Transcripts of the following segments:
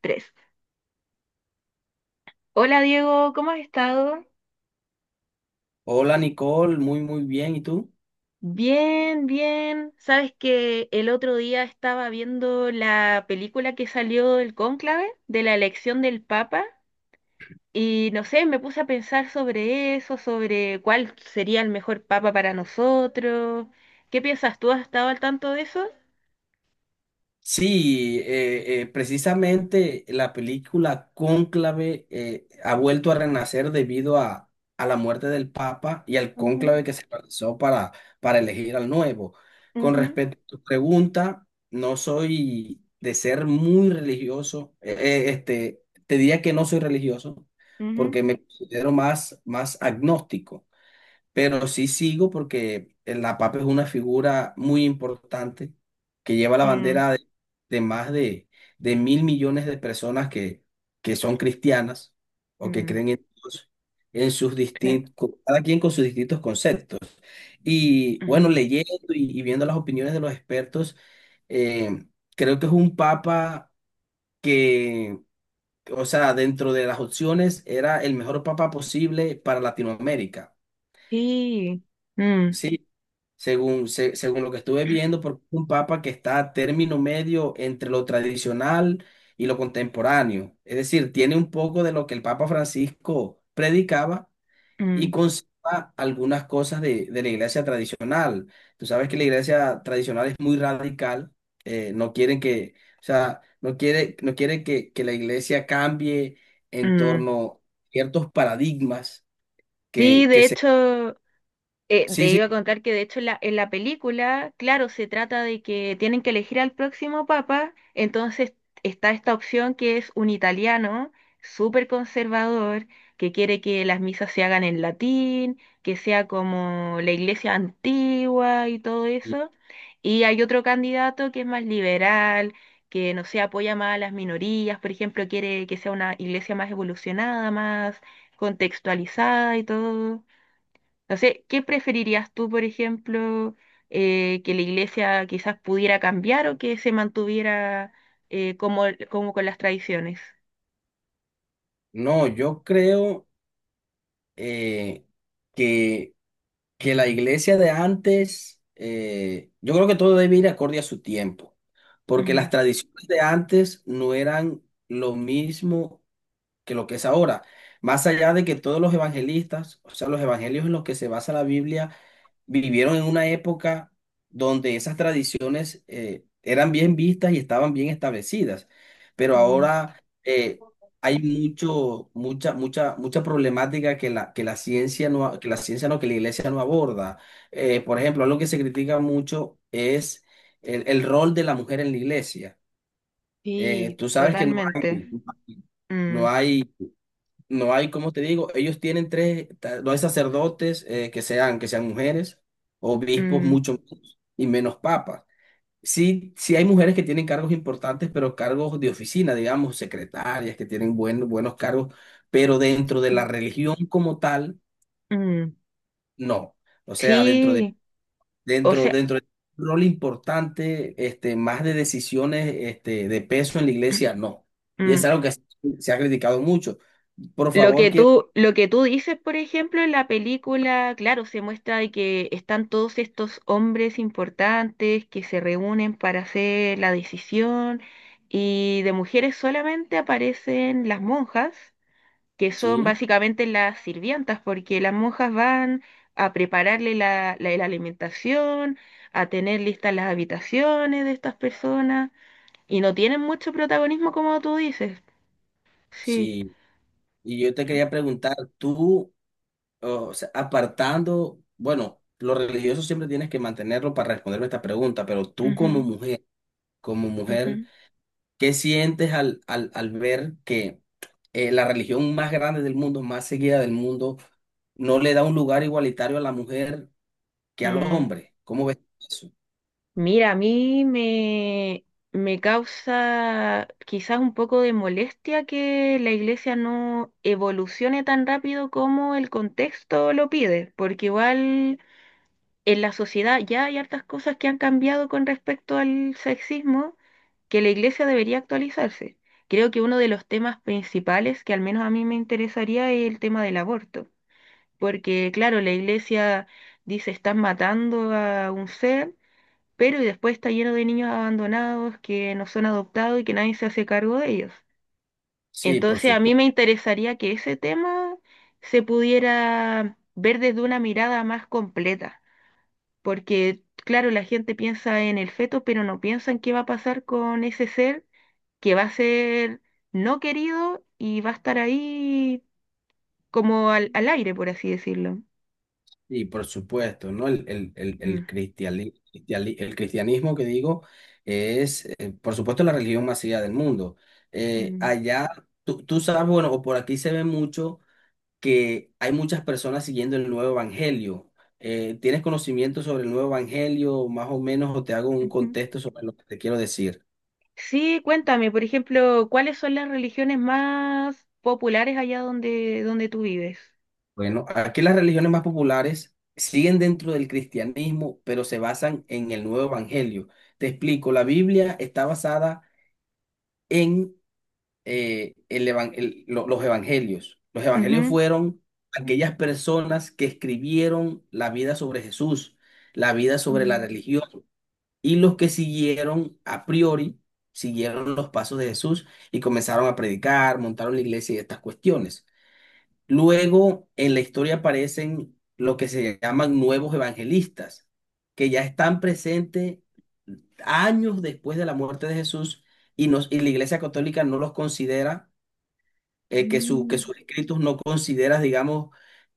Tres. Hola Diego, ¿cómo has estado? Hola Nicole, muy muy bien. ¿Y tú? Bien, bien. Sabes que el otro día estaba viendo la película que salió del cónclave de la elección del Papa y no sé, me puse a pensar sobre eso, sobre cuál sería el mejor Papa para nosotros. ¿Qué piensas tú? ¿Has estado al tanto de eso? Sí, precisamente la película Cónclave ha vuelto a renacer debido a la muerte del Papa y al Ujú, cónclave que se realizó para elegir al nuevo. Con ujú, respecto a tu pregunta, no soy de ser muy religioso. Te diría que no soy religioso ujú. porque me considero más, más agnóstico. Pero sí sigo porque la papa es una figura muy importante que lleva la Mm, bandera de más de 1.000.000.000 de personas que son cristianas o que mm, creen en Dios, en sus claro. distintos, cada quien con sus distintos conceptos. Y bueno, Ujú. leyendo y viendo las opiniones de los expertos, eh, creo que es un papa que, o sea, dentro de las opciones era el mejor papa posible para Latinoamérica. Sí. Mm, Sí, según, según lo que estuve viendo, porque es un papa que está a término medio entre lo tradicional y lo contemporáneo. Es decir, tiene un poco de lo que el Papa Francisco predicaba y mm, conserva algunas cosas de la iglesia tradicional. Tú sabes que la iglesia tradicional es muy radical, no quieren que, o sea, no quiere que la iglesia cambie en mm. torno a ciertos paradigmas Sí, que de se... hecho. Sí, Te iba sí. a contar que de hecho en la película, claro, se trata de que tienen que elegir al próximo papa, entonces está esta opción que es un italiano súper conservador, que quiere que las misas se hagan en latín, que sea como la iglesia antigua y todo eso. Y hay otro candidato que es más liberal, que no se apoya más a las minorías, por ejemplo, quiere que sea una iglesia más evolucionada, más contextualizada y todo. No sé, ¿qué preferirías tú, por ejemplo, que la iglesia quizás pudiera cambiar o que se mantuviera eh, como, como con las tradiciones? No, yo creo eh, que, que la iglesia de antes, yo creo que todo debe ir acorde a su tiempo, porque las Mm, tradiciones de antes no eran lo mismo que lo que es ahora. Más allá de que todos los evangelistas, o sea, los evangelios en los que se basa la Biblia, vivieron en una época donde esas tradiciones eran bien vistas y estaban bien establecidas, pero mm. ahora hay mucho, mucha, mucha, mucha problemática que la ciencia no, que la ciencia no, que la iglesia no aborda. Por ejemplo, algo que se critica mucho es el rol de la mujer en la iglesia. Sí, Tú sabes que totalmente. Mm, no hay no hay, como te digo, ellos tienen tres, ta- no hay sacerdotes que sean mujeres, obispos mm, mucho menos, y menos papas. Sí, sí hay mujeres que tienen cargos importantes, pero cargos de oficina, digamos, secretarias, que tienen buenos cargos, pero dentro de la mm, religión como tal, mm. no. O sea, Sí, o sea, dentro de un rol importante, este, más de decisiones, este, de peso en la iglesia, no. Y es mm. algo que se se ha criticado mucho. Por favor, quiero... Lo que tú dices, por ejemplo, en la película, claro, se muestra de que están todos estos hombres importantes que se reúnen para hacer la decisión y de mujeres solamente aparecen las monjas, que son Sí, básicamente las sirvientas, porque las monjas van a prepararle la alimentación, a tener listas las habitaciones de estas personas y no tienen mucho protagonismo como tú dices. Sí. sí. Y yo te quería preguntar, tú, o sea, apartando, bueno, lo religioso siempre tienes que mantenerlo para responderme esta pregunta, pero tú Ujú, como mujer, ujú, ¿qué sientes al, al, al ver que la religión más grande del mundo, más seguida del mundo, no le da un lugar igualitario a la mujer que al mm. hombre? ¿Cómo ves eso? Mira, me causa quizás un poco de molestia que la iglesia no evolucione tan rápido como el contexto lo pide, porque igual en la sociedad ya hay hartas cosas que han cambiado con respecto al sexismo que la iglesia debería actualizarse. Creo que uno de los temas principales que al menos a mí me interesaría es el tema del aborto, porque claro, la iglesia dice están matando a un ser pero y después está lleno de niños abandonados que no son adoptados y que nadie se hace cargo de ellos. Sí, por Entonces a mí supuesto. me interesaría que ese tema se pudiera ver desde una mirada más completa, porque claro, la gente piensa en el feto, pero no piensa en qué va a pasar con ese ser que va a ser no querido y va a estar ahí como al aire, por así decirlo. Y por supuesto, ¿no? El, el, el, Mm. el cristiali- cristiali- el cristianismo que digo es, por supuesto, la religión más seguida del mundo. Mm. Allá, tú, tú sabes, bueno, o por aquí se ve mucho que hay muchas personas siguiendo el nuevo evangelio. ¿Tienes conocimiento sobre el nuevo evangelio, más o menos, o te hago un Ujú. contexto sobre lo que te quiero decir? Sí, cuéntame, por ejemplo, ¿cuáles son las religiones más populares allá donde tú vives? Bueno, aquí las religiones más populares siguen dentro del cristianismo, pero se basan en el nuevo evangelio. Te explico, la Biblia está basada en el evan- el- lo- los evangelios. Los evangelios Ujú. fueron aquellas personas que escribieron la vida sobre Jesús, la vida sobre la Mm, religión, y los que siguieron a priori, siguieron los pasos de Jesús y comenzaron a predicar, montaron la iglesia y estas cuestiones. Luego en la historia aparecen lo que se llaman nuevos evangelistas, que ya están presentes años después de la muerte de Jesús y, y la Iglesia Católica no los considera que mm, sus escritos no consideras, digamos,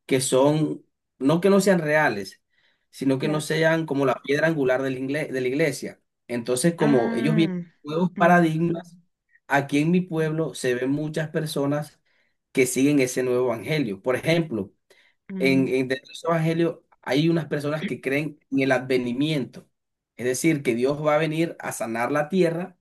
que son, no que no sean reales, sino que no claro. sean como la piedra angular de la iglesia. Entonces, como ellos vienen Ah, de nuevos mm, paradigmas, aquí en mi pueblo se ven muchas personas que siguen ese nuevo evangelio. Por ejemplo, mm, en dentro de ese evangelio hay unas personas que creen en el advenimiento, es decir, que Dios va a venir a sanar la tierra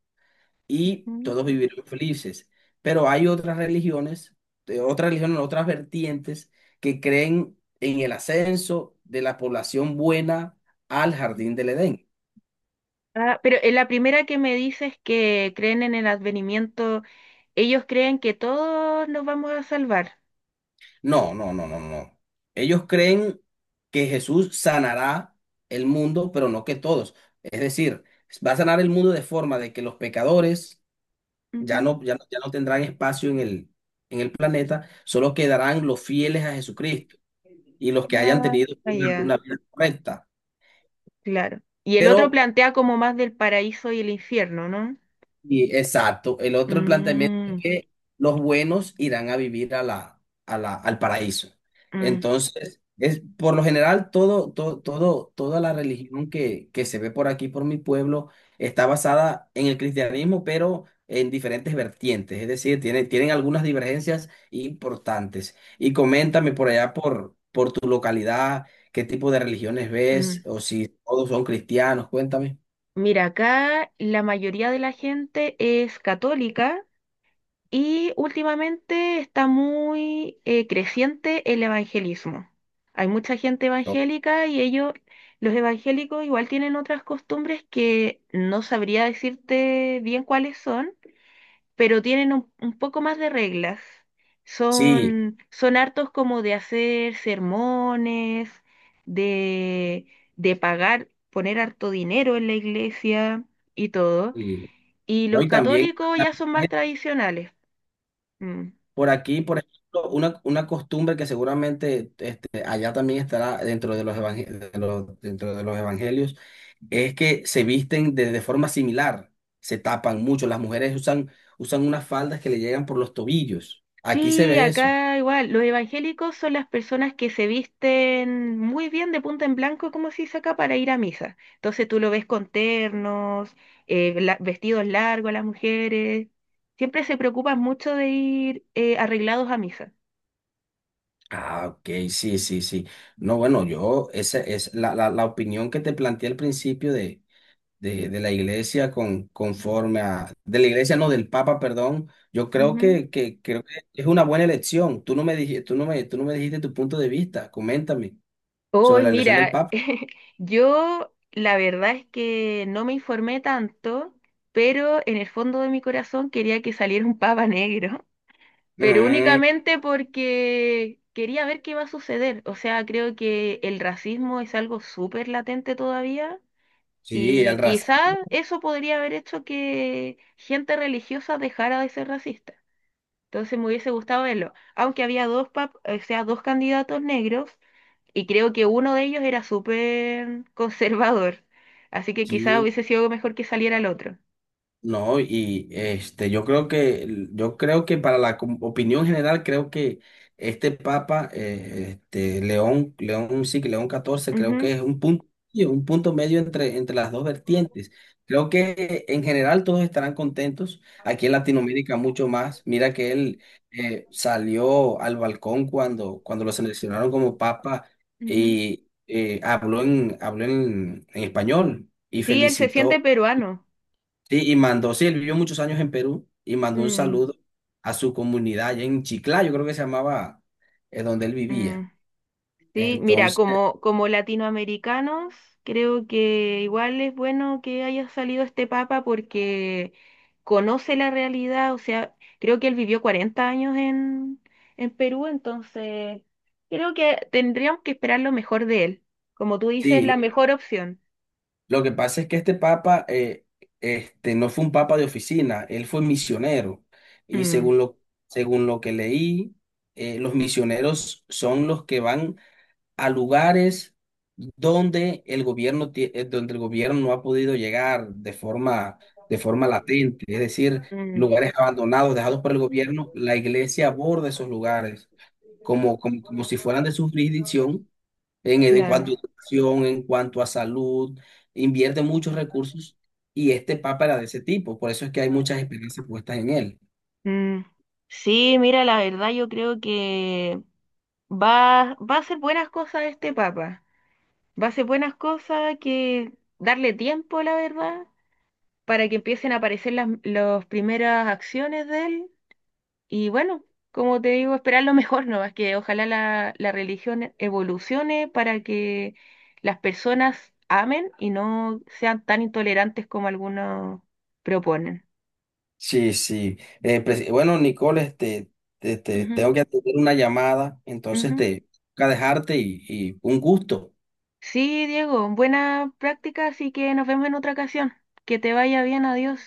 y mm. todos vivirán felices. Pero hay otras religiones, de otras religiones, otras vertientes que creen en el ascenso de la población buena al jardín del Edén. Ah, pero en la primera que me dices que creen en el advenimiento, ellos creen que todos nos vamos a salvar. No, no, no, no, no. Ellos creen que Jesús sanará el mundo, pero no que todos. Es decir, va a sanar el mundo de forma de que los pecadores ya Ujú. no, ya no, ya no tendrán espacio en el planeta, solo quedarán los fieles a Jesucristo y los que hayan Ah, tenido ah, una ya, vida correcta. claro. Y el otro Pero plantea como más del paraíso y el infierno, ¿no? y exacto. El otro planteamiento es Mm, que los buenos irán a vivir a la, al paraíso. mm, Entonces, es, por lo general, toda la religión que se ve por aquí, por mi pueblo, está basada en el cristianismo, pero en diferentes vertientes. Es decir, tienen algunas divergencias importantes. Y coméntame por allá, por tu localidad, qué tipo de religiones ves, mm. o si todos son cristianos, cuéntame. Mira, acá la mayoría de la gente es católica y últimamente está muy creciente el evangelismo. Hay mucha gente No, evangélica y ellos, los evangélicos, igual tienen otras costumbres que no sabría decirte bien cuáles son, pero tienen un poco más de reglas. sí. Son, son hartos como de hacer sermones, de, de pagar, poner harto dinero en la iglesia y todo. Y... Y ¿no? los Y también católicos la- ya son más tradicionales. Mm. por aquí, por ejemplo, una costumbre que seguramente este, allá también estará dentro de los, dentro de los evangelios, es que se visten de forma similar, se tapan mucho, usan unas faldas que le llegan por los tobillos. Aquí se Sí, ve eso. acá igual, los evangélicos son las personas que se visten muy bien de punta en blanco, como se dice acá, para ir a misa. Entonces tú lo ves con ternos, vestidos largos las mujeres. Siempre se preocupan mucho de ir arreglados a misa. Ah, ok, sí, sí, sí. No, bueno, yo, esa es la, la, la opinión que te planteé al principio de la iglesia con, conforme a, de la iglesia, no, del Papa, perdón, yo creo Ujú. Que, creo que es una buena elección. Tú no me dijiste, tú no me dijiste tu punto de vista. Coméntame sobre Hoy, la elección del mira, Papa. yo la verdad es que no me informé tanto, pero en el fondo de mi corazón quería que saliera un papa negro, pero Mm, únicamente porque quería ver qué va a suceder. O sea, creo que el racismo es algo súper latente todavía sí, el y quizás racismo. eso podría haber hecho que gente religiosa dejara de ser racista. Entonces me hubiese gustado verlo, aunque había o sea, dos candidatos negros y creo que uno de ellos era súper conservador, así que quizás hubiese sido mejor que saliera el otro. No, y este, yo creo que para la opinión general, creo que este Papa, León, León, sí, que León XIV creo Ujú, que es un punto medio entre, entre las dos vertientes. Creo que en general todos estarán contentos. Aquí en Latinoamérica mucho más. Mira que él salió al balcón cuando, cuando lo seleccionaron como Papa ujú. y habló en español y Sí, él se siente felicitó. peruano. Sí, y mandó, sí, él vivió muchos años en Perú y mandó un Mm, saludo a su comunidad allá en Chiclayo, creo que se llamaba donde él mm. vivía. Sí, mira, Entonces, como, como latinoamericanos, creo que igual es bueno que haya salido este papa porque conoce la realidad, o sea, creo que él vivió 40 años en Perú, entonces creo que tendríamos que esperar lo mejor de él. Como tú dices, sí, la mejor opción. lo que pasa es que este papa no fue un papa de oficina, él fue misionero. Y Mm, según lo que leí, los misioneros son los que van a lugares donde donde el gobierno no ha podido llegar de forma latente, es decir, mm, lugares abandonados, dejados por el gobierno, la iglesia aborda esos lugares como, como, como si fueran de su jurisdicción en cuanto claro. a educación, en cuanto a salud, invierte muchos recursos y este papa era de ese tipo, por eso es que hay muchas esperanzas puestas en él. Mm. Sí, mira, la verdad yo creo que va, va a hacer buenas cosas este papa. Va a ser buenas cosas, que darle tiempo, la verdad, para que empiecen a aparecer las primeras acciones de él. Y bueno, como te digo, esperar lo mejor, ¿no? Es que ojalá la religión evolucione para que las personas amen y no sean tan intolerantes como algunos proponen. Sí, sí. Bueno, Nicole, este, te, tengo que atender una llamada, Ujú, entonces ujú. te toca dejarte y un gusto. Sí, Diego, buena práctica, así que nos vemos en otra ocasión. Que te vaya bien, adiós.